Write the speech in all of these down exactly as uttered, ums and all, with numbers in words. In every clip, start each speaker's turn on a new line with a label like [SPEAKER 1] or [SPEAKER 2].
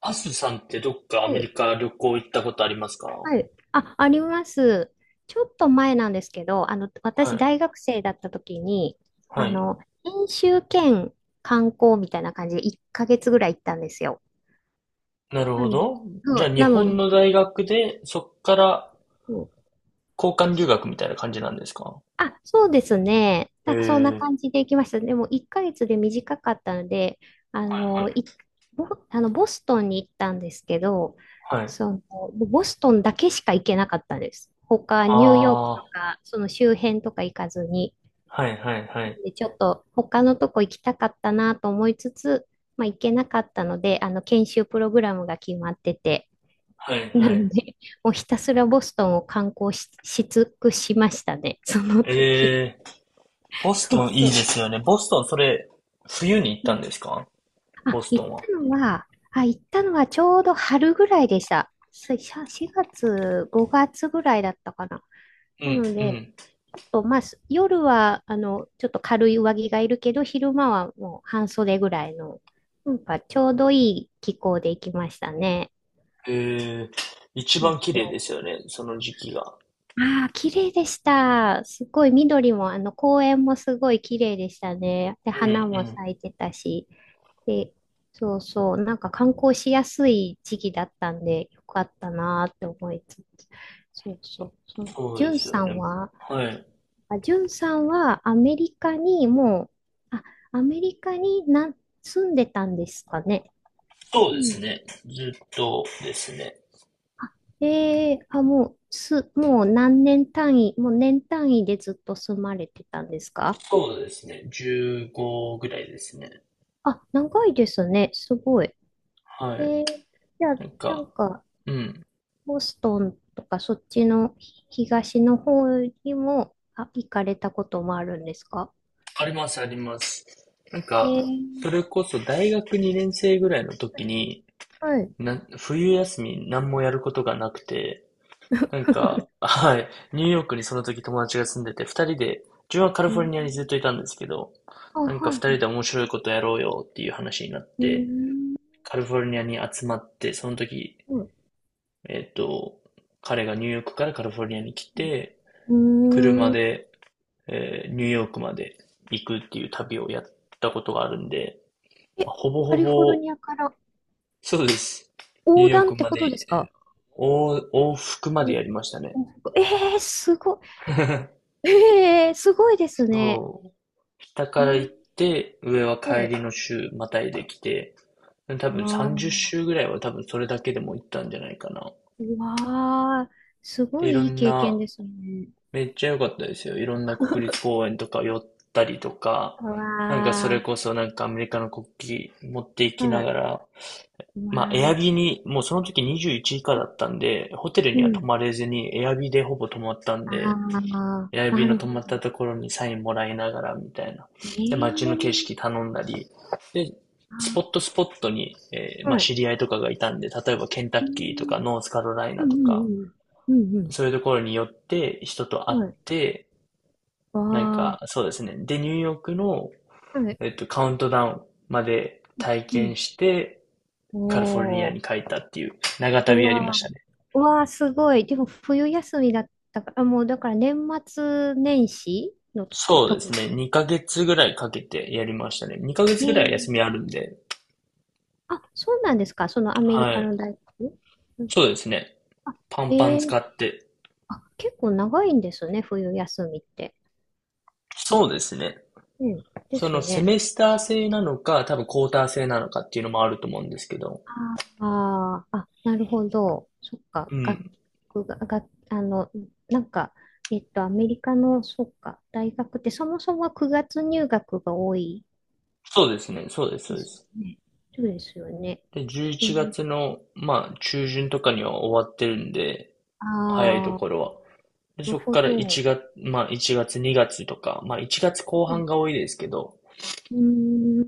[SPEAKER 1] アスさんってどっかア
[SPEAKER 2] は
[SPEAKER 1] メ
[SPEAKER 2] い。
[SPEAKER 1] リカ旅行行ったことありますか？
[SPEAKER 2] はい。あ、あります。ちょっと前なんですけど、あの、
[SPEAKER 1] は
[SPEAKER 2] 私、
[SPEAKER 1] い。
[SPEAKER 2] 大学生だった時に、
[SPEAKER 1] は
[SPEAKER 2] あ
[SPEAKER 1] い。
[SPEAKER 2] の、研修兼観光みたいな感じでいっかげつぐらい行ったんですよ。
[SPEAKER 1] なる
[SPEAKER 2] な
[SPEAKER 1] ほ
[SPEAKER 2] ん、
[SPEAKER 1] ど。
[SPEAKER 2] そ
[SPEAKER 1] じゃあ、
[SPEAKER 2] う
[SPEAKER 1] 日
[SPEAKER 2] なの
[SPEAKER 1] 本
[SPEAKER 2] で、
[SPEAKER 1] の大学で、そっから
[SPEAKER 2] あと
[SPEAKER 1] 交換留学みたいな感じなんですか？
[SPEAKER 2] あ、そうですね。
[SPEAKER 1] え
[SPEAKER 2] な
[SPEAKER 1] え
[SPEAKER 2] んかそんな
[SPEAKER 1] ー、
[SPEAKER 2] 感じで行きました。でもいっかげつで短かったので、あの、い、ボ、あのボストンに行ったんですけど、
[SPEAKER 1] はい。
[SPEAKER 2] その、ボストンだけしか行けなかったです。他、
[SPEAKER 1] あ
[SPEAKER 2] ニューヨーク
[SPEAKER 1] あ、
[SPEAKER 2] と
[SPEAKER 1] は
[SPEAKER 2] か、その周辺とか行かずに。
[SPEAKER 1] いはいはい。
[SPEAKER 2] で、ちょっと他のとこ行きたかったなと思いつつ、まあ行けなかったので、あの、研修プログラムが決まってて、
[SPEAKER 1] は い
[SPEAKER 2] な
[SPEAKER 1] は
[SPEAKER 2] の
[SPEAKER 1] い。
[SPEAKER 2] で、もうひたすらボストンを観光し、し尽くしましたね、その時。
[SPEAKER 1] ええー、ボス
[SPEAKER 2] そう
[SPEAKER 1] トンいい
[SPEAKER 2] そ
[SPEAKER 1] で
[SPEAKER 2] う。
[SPEAKER 1] すよね。ボストン、それ、冬に行っ
[SPEAKER 2] う
[SPEAKER 1] たん
[SPEAKER 2] ん。
[SPEAKER 1] ですか？ボ
[SPEAKER 2] あ、
[SPEAKER 1] スト
[SPEAKER 2] 行っ
[SPEAKER 1] ンは。
[SPEAKER 2] たのは、あ、行ったのはちょうど春ぐらいでした。しししがつ、ごがつぐらいだったかな。
[SPEAKER 1] う
[SPEAKER 2] な
[SPEAKER 1] ん
[SPEAKER 2] の
[SPEAKER 1] う
[SPEAKER 2] で、
[SPEAKER 1] ん。
[SPEAKER 2] ちょっとまあ、す夜は、あの、ちょっと軽い上着がいるけど、昼間はもう半袖ぐらいの、なんかちょうどいい気候で行きましたね。
[SPEAKER 1] ええ、一
[SPEAKER 2] そう
[SPEAKER 1] 番綺麗で
[SPEAKER 2] そ
[SPEAKER 1] すよね、その時期が。
[SPEAKER 2] う。ああ、綺麗でした。すごい緑も、あの、公園もすごい綺麗でしたね。で、
[SPEAKER 1] うんう
[SPEAKER 2] 花も
[SPEAKER 1] ん。
[SPEAKER 2] 咲いてたし。で、そうそう、なんか観光しやすい時期だったんで、よかったなーって思いつつ、そうそう、その
[SPEAKER 1] そう
[SPEAKER 2] ジ
[SPEAKER 1] で
[SPEAKER 2] ュン
[SPEAKER 1] す
[SPEAKER 2] さ
[SPEAKER 1] よ
[SPEAKER 2] ん
[SPEAKER 1] ね。
[SPEAKER 2] は、
[SPEAKER 1] はい。
[SPEAKER 2] あ、ジュンさんはアメリカにもう、あ、アメリカにな、住んでたんですかね。
[SPEAKER 1] そう
[SPEAKER 2] 住
[SPEAKER 1] です
[SPEAKER 2] ん
[SPEAKER 1] ね。ずっとですね。
[SPEAKER 2] で、あ、もう、す、もう何年単位、もう年単位でずっと住まれてたんですか？
[SPEAKER 1] そうですね。じゅうごぐらいですね。
[SPEAKER 2] あ、長いですね。すごい。
[SPEAKER 1] は
[SPEAKER 2] え
[SPEAKER 1] い。
[SPEAKER 2] ー、じゃあ、
[SPEAKER 1] なん
[SPEAKER 2] なん
[SPEAKER 1] か、
[SPEAKER 2] か、
[SPEAKER 1] うん。
[SPEAKER 2] ボストンとかそっちのひ東の方にも、あ、行かれたこともあるんですか？
[SPEAKER 1] あります、あります。なん
[SPEAKER 2] え
[SPEAKER 1] か、
[SPEAKER 2] ー、
[SPEAKER 1] それこそ大学にねん生ぐらいの時に、
[SPEAKER 2] はい。
[SPEAKER 1] な、冬休み何もやることがなくて、なんか、はい、ニューヨークにその時友達が住んでて、二人で、自分はカリ
[SPEAKER 2] う
[SPEAKER 1] フォル
[SPEAKER 2] ん。
[SPEAKER 1] ニアにずっといたんですけど、
[SPEAKER 2] あ、
[SPEAKER 1] なんか
[SPEAKER 2] はい
[SPEAKER 1] 二人
[SPEAKER 2] は
[SPEAKER 1] で面白いことやろうよっていう話になっ
[SPEAKER 2] い。う
[SPEAKER 1] て、
[SPEAKER 2] ん。
[SPEAKER 1] カリフォルニアに集まって、その時
[SPEAKER 2] はい。
[SPEAKER 1] えっと、彼がニューヨークからカリフォルニアに来て、
[SPEAKER 2] うん
[SPEAKER 1] 車
[SPEAKER 2] うーん。
[SPEAKER 1] で、えーニューヨークまで行くっていう旅をやったことがあるんで、
[SPEAKER 2] え、
[SPEAKER 1] まあほぼ
[SPEAKER 2] カ
[SPEAKER 1] ほ
[SPEAKER 2] リフォル
[SPEAKER 1] ぼ、
[SPEAKER 2] ニアから
[SPEAKER 1] そうです。ニュー
[SPEAKER 2] 横
[SPEAKER 1] ヨー
[SPEAKER 2] 断
[SPEAKER 1] ク
[SPEAKER 2] って
[SPEAKER 1] ま
[SPEAKER 2] こ
[SPEAKER 1] で、
[SPEAKER 2] とですか？
[SPEAKER 1] 往往復まで
[SPEAKER 2] う
[SPEAKER 1] や
[SPEAKER 2] ん。
[SPEAKER 1] りましたね。
[SPEAKER 2] えー、すご い。えー、すごいですね。
[SPEAKER 1] そう。下
[SPEAKER 2] え
[SPEAKER 1] から
[SPEAKER 2] ー、
[SPEAKER 1] 行って、上は
[SPEAKER 2] は
[SPEAKER 1] 帰り
[SPEAKER 2] い。
[SPEAKER 1] の週、またいできて、多
[SPEAKER 2] あ
[SPEAKER 1] 分さんじゅう
[SPEAKER 2] ー、
[SPEAKER 1] 週ぐらいは多分それだけでも行ったんじゃないかな。
[SPEAKER 2] うわー、すご
[SPEAKER 1] で、いろ
[SPEAKER 2] いいい
[SPEAKER 1] ん
[SPEAKER 2] 経
[SPEAKER 1] な
[SPEAKER 2] 験ですね。
[SPEAKER 1] めっちゃ良かったですよ。いろんな国立公園とか寄ったりとか、
[SPEAKER 2] う
[SPEAKER 1] なんかそれ
[SPEAKER 2] わ
[SPEAKER 1] こそなんかアメリカの国旗持ってい
[SPEAKER 2] ー、
[SPEAKER 1] き
[SPEAKER 2] は
[SPEAKER 1] な
[SPEAKER 2] い。
[SPEAKER 1] がら、
[SPEAKER 2] うわ
[SPEAKER 1] まあエアビー
[SPEAKER 2] ー。
[SPEAKER 1] に、もうその時にじゅういち以下だったんで、ホテル
[SPEAKER 2] う
[SPEAKER 1] には泊
[SPEAKER 2] ん。
[SPEAKER 1] まれずにエアビーでほぼ泊まったん
[SPEAKER 2] あ
[SPEAKER 1] で、
[SPEAKER 2] あ、
[SPEAKER 1] エアビ
[SPEAKER 2] な
[SPEAKER 1] ーの
[SPEAKER 2] る
[SPEAKER 1] 泊
[SPEAKER 2] ほ
[SPEAKER 1] ま
[SPEAKER 2] ど。
[SPEAKER 1] ったところにサインもらいながらみたいな。
[SPEAKER 2] え
[SPEAKER 1] で、
[SPEAKER 2] え
[SPEAKER 1] 街の景
[SPEAKER 2] ー、
[SPEAKER 1] 色頼んだり、で、スポ
[SPEAKER 2] あ
[SPEAKER 1] ットスポットに、えー
[SPEAKER 2] ー、
[SPEAKER 1] まあ
[SPEAKER 2] はい。
[SPEAKER 1] 知り合いとかがいたんで、例えばケンタッ
[SPEAKER 2] う
[SPEAKER 1] キーとか
[SPEAKER 2] ん、
[SPEAKER 1] ノースカロライ
[SPEAKER 2] う
[SPEAKER 1] ナとか、
[SPEAKER 2] んうんうん。うん
[SPEAKER 1] そういうところに寄って人と
[SPEAKER 2] う
[SPEAKER 1] 会
[SPEAKER 2] ん、
[SPEAKER 1] っ
[SPEAKER 2] はい。
[SPEAKER 1] て、
[SPEAKER 2] わ
[SPEAKER 1] なんか、
[SPEAKER 2] あ、
[SPEAKER 1] そうですね。で、ニューヨークの、
[SPEAKER 2] はい。
[SPEAKER 1] えっと、カウントダウンまで体
[SPEAKER 2] うん。
[SPEAKER 1] 験して、カリフォルニ
[SPEAKER 2] お
[SPEAKER 1] ア
[SPEAKER 2] ー、
[SPEAKER 1] に帰ったっていう長
[SPEAKER 2] う
[SPEAKER 1] 旅やりま
[SPEAKER 2] わ
[SPEAKER 1] し
[SPEAKER 2] ー、
[SPEAKER 1] たね。
[SPEAKER 2] うわー、すごい。でも、冬休みだったから、もう、だから、年末年始のとこ、
[SPEAKER 1] そうです
[SPEAKER 2] 時。
[SPEAKER 1] ね。にかげつぐらいかけてやりましたね。2ヶ
[SPEAKER 2] え
[SPEAKER 1] 月ぐ
[SPEAKER 2] え
[SPEAKER 1] らいは
[SPEAKER 2] ー、
[SPEAKER 1] 休みあるんで。
[SPEAKER 2] あ、そうなんですか、そのアメリ
[SPEAKER 1] は
[SPEAKER 2] カ
[SPEAKER 1] い。
[SPEAKER 2] の大学。うん。
[SPEAKER 1] そうですね。
[SPEAKER 2] あ、
[SPEAKER 1] パンパ
[SPEAKER 2] ええ
[SPEAKER 1] ン
[SPEAKER 2] ー、
[SPEAKER 1] 使って。
[SPEAKER 2] あ、結構長いんですね、冬休みって。あ
[SPEAKER 1] そ
[SPEAKER 2] れ、
[SPEAKER 1] うですね。
[SPEAKER 2] うん、で
[SPEAKER 1] その
[SPEAKER 2] す
[SPEAKER 1] セ
[SPEAKER 2] ね。
[SPEAKER 1] メスター制なのか、多分クォーター制なのかっていうのもあると思うんですけど。
[SPEAKER 2] あーあ、なるほど。そっか。
[SPEAKER 1] う
[SPEAKER 2] 楽
[SPEAKER 1] ん。
[SPEAKER 2] 曲が、楽あの、なんか、えっと、アメリカの、そっか、大学ってそもそもはくがつ入学が多い
[SPEAKER 1] そうですね。そうです、そ
[SPEAKER 2] で
[SPEAKER 1] うで
[SPEAKER 2] す
[SPEAKER 1] す。
[SPEAKER 2] ね。そうですよね。
[SPEAKER 1] で、11
[SPEAKER 2] えー、
[SPEAKER 1] 月の、まあ、中旬とかには終わってるんで、早いと
[SPEAKER 2] ああ、な
[SPEAKER 1] ころは。で、
[SPEAKER 2] る
[SPEAKER 1] そこ
[SPEAKER 2] ほ
[SPEAKER 1] から1
[SPEAKER 2] ど。
[SPEAKER 1] 月、まあ、いちがつ、にがつとか、まあ、いちがつこう
[SPEAKER 2] う
[SPEAKER 1] 半
[SPEAKER 2] ん、
[SPEAKER 1] が多いですけど、
[SPEAKER 2] う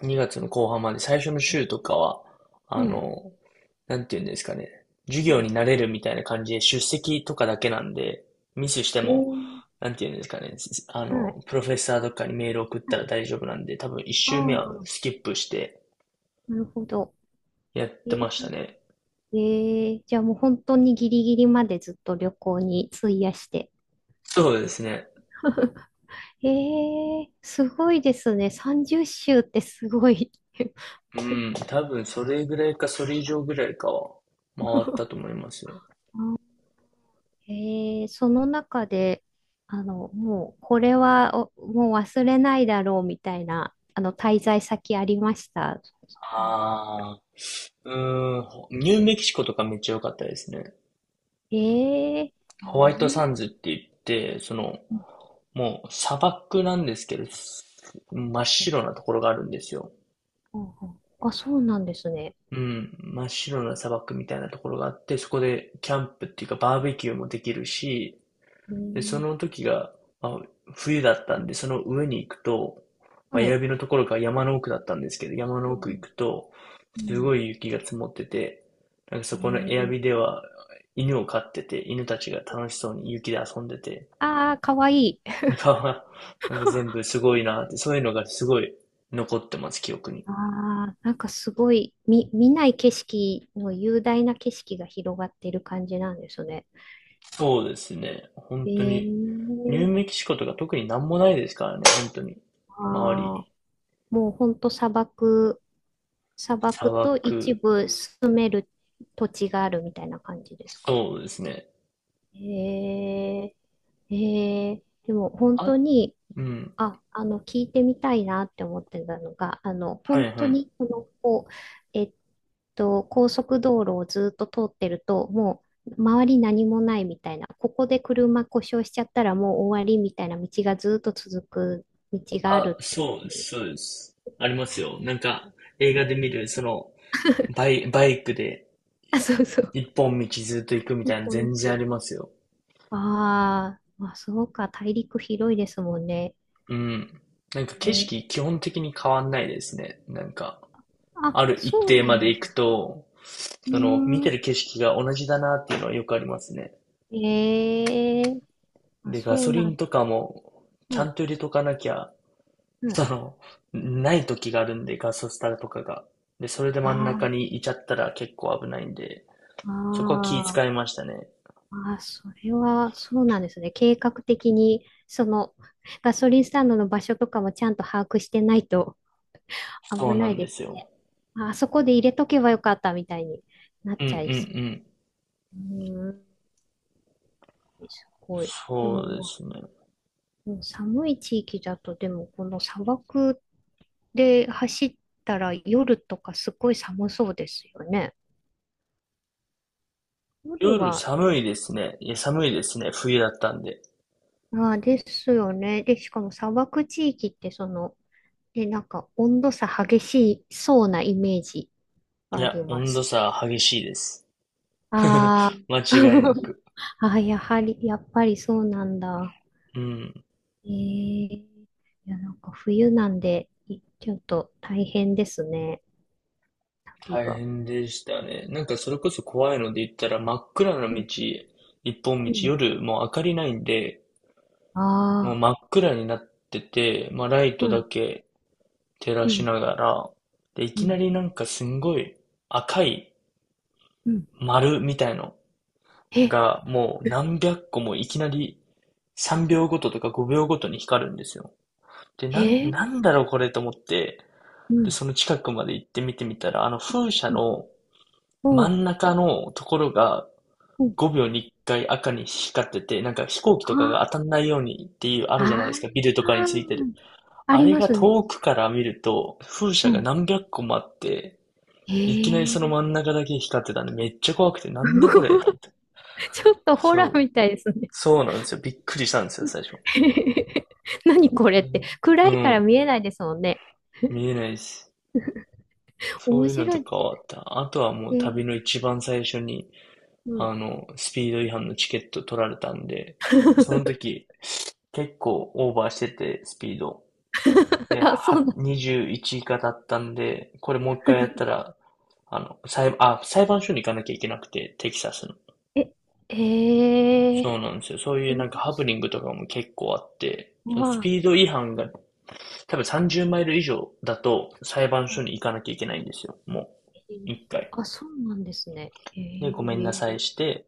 [SPEAKER 1] にがつの後半まで最初の週とかは、あ
[SPEAKER 2] ーん、はい。
[SPEAKER 1] の、なんていうんですかね、授業に慣れるみたいな感じで出席とかだけなんで、ミスして
[SPEAKER 2] え
[SPEAKER 1] も、
[SPEAKER 2] ー、
[SPEAKER 1] なんていうんですかね、あ
[SPEAKER 2] はい。
[SPEAKER 1] の、プロフェッサーとかにメール送った
[SPEAKER 2] は
[SPEAKER 1] ら
[SPEAKER 2] い。
[SPEAKER 1] 大丈夫なんで、多分いっ
[SPEAKER 2] あ
[SPEAKER 1] 週目は
[SPEAKER 2] あ、
[SPEAKER 1] スキップして
[SPEAKER 2] なるほど。
[SPEAKER 1] やっ
[SPEAKER 2] え
[SPEAKER 1] てま
[SPEAKER 2] ー、
[SPEAKER 1] したね。
[SPEAKER 2] えーじゃあもう本当にギリギリまでずっと旅行に費やして。
[SPEAKER 1] そうで
[SPEAKER 2] え
[SPEAKER 1] すね。
[SPEAKER 2] ええ、すごいですね。さんじゅう週ってすごい。
[SPEAKER 1] うん、多分それぐらいか、それ以上ぐらいかは回ったと思いますよ。
[SPEAKER 2] ええ、その中で、あの、もう、これはおもう忘れないだろうみたいな、あの、滞在先ありました。
[SPEAKER 1] ああ、うーん、ほニューメキシコとかめっちゃ良かったですね。
[SPEAKER 2] ええ、ま
[SPEAKER 1] ホ
[SPEAKER 2] あ
[SPEAKER 1] ワ
[SPEAKER 2] あ
[SPEAKER 1] イト
[SPEAKER 2] ま
[SPEAKER 1] サ
[SPEAKER 2] り、
[SPEAKER 1] ンズって言って、その、
[SPEAKER 2] うん
[SPEAKER 1] もう砂漠なんですけど、す真っ
[SPEAKER 2] うん
[SPEAKER 1] 白なところがあるんですよ。
[SPEAKER 2] うんうん、あ、そうなんですね。
[SPEAKER 1] うん、真っ白な砂漠みたいなところがあって、そこでキャンプっていうかバーベキューもできるし、で、その
[SPEAKER 2] ええ、
[SPEAKER 1] 時が、まあ、冬だったんで、その上に行くと、まあ、
[SPEAKER 2] はい。
[SPEAKER 1] 指のところが山の奥だったんですけど、山
[SPEAKER 2] う
[SPEAKER 1] の奥行
[SPEAKER 2] ん
[SPEAKER 1] くと、
[SPEAKER 2] うんう
[SPEAKER 1] す
[SPEAKER 2] ん。
[SPEAKER 1] ごい雪が積もってて、なんかそこのエアビ
[SPEAKER 2] え
[SPEAKER 1] で
[SPEAKER 2] え、
[SPEAKER 1] は犬を飼ってて、犬たちが楽しそうに雪で遊んでて、
[SPEAKER 2] ああ、かわいい。
[SPEAKER 1] なんか、なんか全部すごいなって、そういうのがすごい残ってます、記憶に。
[SPEAKER 2] ああ、なんかすごい、見、見ない景色の雄大な景色が広がっている感じなんですね。
[SPEAKER 1] そうですね。本当に、
[SPEAKER 2] え
[SPEAKER 1] ニューメキ
[SPEAKER 2] え、
[SPEAKER 1] シコとか特になんもないですからね、本当に。周
[SPEAKER 2] ああ、
[SPEAKER 1] り、
[SPEAKER 2] もうほんと砂漠、砂
[SPEAKER 1] 砂
[SPEAKER 2] 漠と
[SPEAKER 1] 漠、
[SPEAKER 2] 一部住める土地があるみたいな感じですか。
[SPEAKER 1] そうですね。
[SPEAKER 2] ええ、ええ、でも本当
[SPEAKER 1] あ
[SPEAKER 2] に
[SPEAKER 1] うん。
[SPEAKER 2] あ、あの、聞いてみたいなって思ってたのが、あの、
[SPEAKER 1] は
[SPEAKER 2] 本
[SPEAKER 1] いは
[SPEAKER 2] 当に、
[SPEAKER 1] い。
[SPEAKER 2] この、こう、えっと、高速道路をずっと通ってると、もう、周り何もないみたいな、ここで車故障しちゃったらもう終わりみたいな道がずっと続く道があ
[SPEAKER 1] あ、
[SPEAKER 2] るってい
[SPEAKER 1] そうで
[SPEAKER 2] う。
[SPEAKER 1] す、そうです。ありますよ。なんか、映画で見る、その、バイ、バイクで、
[SPEAKER 2] あ、そうそう。
[SPEAKER 1] 一本道ずっと行くみ
[SPEAKER 2] 一
[SPEAKER 1] たいな、
[SPEAKER 2] 本
[SPEAKER 1] 全
[SPEAKER 2] 道。
[SPEAKER 1] 然ありますよ。
[SPEAKER 2] あー、まあ、そうか、大陸広いですもんね。
[SPEAKER 1] うん。なんか景
[SPEAKER 2] ね、
[SPEAKER 1] 色基本的に変わんないですね。なんか、
[SPEAKER 2] あ、
[SPEAKER 1] ある一
[SPEAKER 2] そう
[SPEAKER 1] 定
[SPEAKER 2] な
[SPEAKER 1] ま
[SPEAKER 2] ん
[SPEAKER 1] で
[SPEAKER 2] で
[SPEAKER 1] 行
[SPEAKER 2] す。
[SPEAKER 1] くと、
[SPEAKER 2] う
[SPEAKER 1] その、見
[SPEAKER 2] ー
[SPEAKER 1] てる
[SPEAKER 2] ん。
[SPEAKER 1] 景色が同じだなっていうのはよくありますね。
[SPEAKER 2] ええ、あ、
[SPEAKER 1] で、ガ
[SPEAKER 2] そう
[SPEAKER 1] ソ
[SPEAKER 2] な
[SPEAKER 1] リン
[SPEAKER 2] ん。
[SPEAKER 1] とかも、ち
[SPEAKER 2] は
[SPEAKER 1] ゃ
[SPEAKER 2] い。
[SPEAKER 1] んと入れとかなきゃ、
[SPEAKER 2] は
[SPEAKER 1] そ
[SPEAKER 2] い。
[SPEAKER 1] の、ない時があるんで、ガソスタとかが。で、それで
[SPEAKER 2] あ
[SPEAKER 1] 真ん中
[SPEAKER 2] あ。
[SPEAKER 1] にいちゃったら結構危ないんで、
[SPEAKER 2] あ
[SPEAKER 1] そこは気使い
[SPEAKER 2] ー、
[SPEAKER 1] ましたね。
[SPEAKER 2] あー、それはそうなんですね。計画的に、その、ガソリンスタンドの場所とかもちゃんと把握してないと
[SPEAKER 1] そう
[SPEAKER 2] 危
[SPEAKER 1] な
[SPEAKER 2] ない
[SPEAKER 1] んで
[SPEAKER 2] で
[SPEAKER 1] す
[SPEAKER 2] すね。
[SPEAKER 1] よ。
[SPEAKER 2] ああ、そこで入れとけばよかったみたいになっ
[SPEAKER 1] うんうん
[SPEAKER 2] ち
[SPEAKER 1] う
[SPEAKER 2] ゃいそう。
[SPEAKER 1] ん。
[SPEAKER 2] うーん、すごい。で
[SPEAKER 1] そ
[SPEAKER 2] も、
[SPEAKER 1] うで
[SPEAKER 2] まあ、
[SPEAKER 1] すね。
[SPEAKER 2] もう寒い地域だと、でも、この砂漠で走ったら夜とかすごい寒そうですよね。夜
[SPEAKER 1] 夜
[SPEAKER 2] は、
[SPEAKER 1] 寒いですね。いや、寒いですね。冬だったんで。
[SPEAKER 2] ああ、ですよね。で、しかも砂漠地域って、その、で、なんか温度差激しいそうなイメージ
[SPEAKER 1] い
[SPEAKER 2] があり
[SPEAKER 1] や、
[SPEAKER 2] ま
[SPEAKER 1] 温度
[SPEAKER 2] す。
[SPEAKER 1] 差激しいです。
[SPEAKER 2] あー。
[SPEAKER 1] 間違いなく。
[SPEAKER 2] あー、やはり、やっぱりそうなんだ。
[SPEAKER 1] うん。
[SPEAKER 2] えー、いや、なんか冬なんで、いちょっと大変ですね、旅
[SPEAKER 1] 大
[SPEAKER 2] が。
[SPEAKER 1] 変でしたね。なんかそれこそ怖いので言ったら真っ暗な
[SPEAKER 2] う
[SPEAKER 1] 道、
[SPEAKER 2] ん、
[SPEAKER 1] 一本道、
[SPEAKER 2] うん。
[SPEAKER 1] 夜もう明かりないんで、もう
[SPEAKER 2] ああ、
[SPEAKER 1] 真っ暗になってて、まあ、ライ
[SPEAKER 2] う
[SPEAKER 1] トだ
[SPEAKER 2] ん、
[SPEAKER 1] け照ら
[SPEAKER 2] う
[SPEAKER 1] し
[SPEAKER 2] ん、
[SPEAKER 1] ながら、で、い
[SPEAKER 2] う
[SPEAKER 1] きな
[SPEAKER 2] ん、
[SPEAKER 1] りなんかすんごい赤い
[SPEAKER 2] うん。
[SPEAKER 1] 丸みたいの
[SPEAKER 2] え、
[SPEAKER 1] がもう何百個もいきなりさんびょうごととかごびょうごとに光るんですよ。で、
[SPEAKER 2] え
[SPEAKER 1] なん、な
[SPEAKER 2] ー、
[SPEAKER 1] んだろうこれと思って、
[SPEAKER 2] う
[SPEAKER 1] で、
[SPEAKER 2] ん、
[SPEAKER 1] その近くまで行って見てみたら、あの風車
[SPEAKER 2] うん、
[SPEAKER 1] の
[SPEAKER 2] う
[SPEAKER 1] 真
[SPEAKER 2] ん、
[SPEAKER 1] ん中のところが
[SPEAKER 2] うん。
[SPEAKER 1] ごびょうにいっかい赤に光ってて、なんか飛行機と
[SPEAKER 2] あ
[SPEAKER 1] かが当たんないようにっていうあ
[SPEAKER 2] あ、
[SPEAKER 1] るじゃないですか、ビルとかに
[SPEAKER 2] あ
[SPEAKER 1] ついてる。
[SPEAKER 2] ー、あ
[SPEAKER 1] あ
[SPEAKER 2] り
[SPEAKER 1] れ
[SPEAKER 2] ま
[SPEAKER 1] が
[SPEAKER 2] すね。
[SPEAKER 1] 遠くから見ると、風
[SPEAKER 2] う
[SPEAKER 1] 車が
[SPEAKER 2] ん。
[SPEAKER 1] 何百個もあって、
[SPEAKER 2] え
[SPEAKER 1] いきなり
[SPEAKER 2] え
[SPEAKER 1] その
[SPEAKER 2] ー。
[SPEAKER 1] 真ん中だけ光ってたんで、めっちゃ怖くて、なんだこれと思って。
[SPEAKER 2] ちょっとホラー
[SPEAKER 1] そう。
[SPEAKER 2] みたいですね。
[SPEAKER 1] そうなんですよ。びっくりしたんですよ、最初。
[SPEAKER 2] 何これって。暗
[SPEAKER 1] う
[SPEAKER 2] いから
[SPEAKER 1] ん。
[SPEAKER 2] 見えないですもんね。
[SPEAKER 1] 見えないし。そう
[SPEAKER 2] 面
[SPEAKER 1] いうの
[SPEAKER 2] 白
[SPEAKER 1] と
[SPEAKER 2] い。
[SPEAKER 1] かはあった。あとはもう
[SPEAKER 2] え、
[SPEAKER 1] 旅の一番最初に、
[SPEAKER 2] う
[SPEAKER 1] あ
[SPEAKER 2] ん。
[SPEAKER 1] の、スピード違反のチケット取られたんで、でその 時、結構オーバーしてて、スピード。で、
[SPEAKER 2] あ、そ
[SPEAKER 1] は、
[SPEAKER 2] うなん。
[SPEAKER 1] にじゅういちがだったんで、これもう一回やったら、あの、裁、あ、裁判所に行かなきゃいけなくて、テキサスの。
[SPEAKER 2] え、え
[SPEAKER 1] そう
[SPEAKER 2] え、
[SPEAKER 1] なんですよ。そうい
[SPEAKER 2] こ
[SPEAKER 1] う
[SPEAKER 2] ういう
[SPEAKER 1] なんか
[SPEAKER 2] 文
[SPEAKER 1] ハプ
[SPEAKER 2] 章
[SPEAKER 1] ニングとかも結構あって、そのス
[SPEAKER 2] は、
[SPEAKER 1] ピード違反が多分さんじゅうマイル以上だと裁判所
[SPEAKER 2] あ、
[SPEAKER 1] に行かなきゃいけないんですよ。もう、
[SPEAKER 2] えー
[SPEAKER 1] 一回。
[SPEAKER 2] あ、そうなんですね。へ
[SPEAKER 1] で、ごめんな
[SPEAKER 2] え。
[SPEAKER 1] さいして、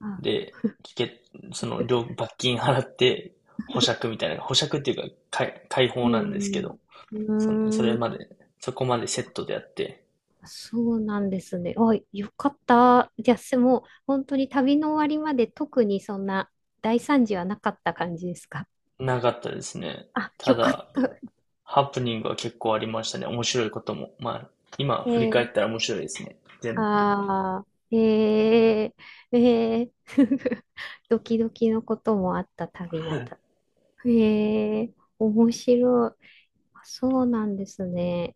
[SPEAKER 2] あ、
[SPEAKER 1] で、聞け、その、料罰金払って、保釈みたいな、保釈っていうか、解、解
[SPEAKER 2] う
[SPEAKER 1] 放なんですけ
[SPEAKER 2] ん、
[SPEAKER 1] ど、
[SPEAKER 2] う
[SPEAKER 1] その、そ
[SPEAKER 2] ん。
[SPEAKER 1] れ
[SPEAKER 2] うー
[SPEAKER 1] ま
[SPEAKER 2] ん。
[SPEAKER 1] で、そこまでセットでやって、
[SPEAKER 2] そうなんですね。あ、よかった。じゃあ、すもう、本当に旅の終わりまで特にそんな大惨事はなかった感じですか？
[SPEAKER 1] なかったですね。
[SPEAKER 2] あ、
[SPEAKER 1] た
[SPEAKER 2] よかっ
[SPEAKER 1] だ、
[SPEAKER 2] た。
[SPEAKER 1] ハプニングは結構ありましたね。面白いことも。まあ、今
[SPEAKER 2] え
[SPEAKER 1] 振り返っ
[SPEAKER 2] ー、
[SPEAKER 1] たら面白いですね。全部。
[SPEAKER 2] ああ、へえ、ええ。ドキドキのこともあった旅
[SPEAKER 1] は
[SPEAKER 2] なん
[SPEAKER 1] い。
[SPEAKER 2] だ。へえ、面白い。あ、そうなんですね。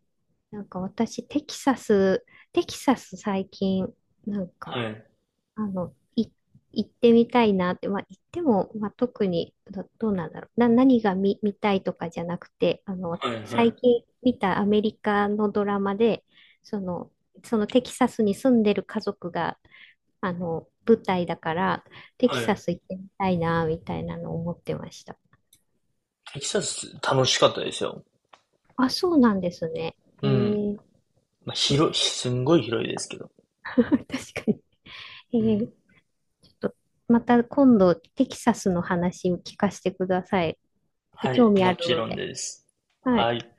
[SPEAKER 2] なんか私、テキサス、テキサス最近、なん
[SPEAKER 1] は
[SPEAKER 2] か、
[SPEAKER 1] い。
[SPEAKER 2] あの、い、行ってみたいなって、まあ、行っても、まあ、特にど、どうなんだろう。な、何が見、見たいとかじゃなくて、あの、
[SPEAKER 1] はい。は
[SPEAKER 2] 最
[SPEAKER 1] い。
[SPEAKER 2] 近見たアメリカのドラマで、その、そのテキサスに住んでる家族が、あの、舞台だから、テキ
[SPEAKER 1] は
[SPEAKER 2] サ
[SPEAKER 1] い。
[SPEAKER 2] ス行ってみたいな、みたいなのを思ってました。
[SPEAKER 1] テキサス楽しかったですよ。
[SPEAKER 2] あ、そうなんですね。え
[SPEAKER 1] うん。
[SPEAKER 2] ー、
[SPEAKER 1] まあ、
[SPEAKER 2] ちょっと。
[SPEAKER 1] 広い、すんごい広いですけど。
[SPEAKER 2] 確かに。
[SPEAKER 1] う
[SPEAKER 2] えー、
[SPEAKER 1] ん。
[SPEAKER 2] ちょっと、また今度、テキサスの話を聞かせてください。ちょっと
[SPEAKER 1] は
[SPEAKER 2] 興
[SPEAKER 1] い。
[SPEAKER 2] 味あ
[SPEAKER 1] も
[SPEAKER 2] る
[SPEAKER 1] ち
[SPEAKER 2] の
[SPEAKER 1] ろん
[SPEAKER 2] で。
[SPEAKER 1] です。
[SPEAKER 2] はい。
[SPEAKER 1] はい。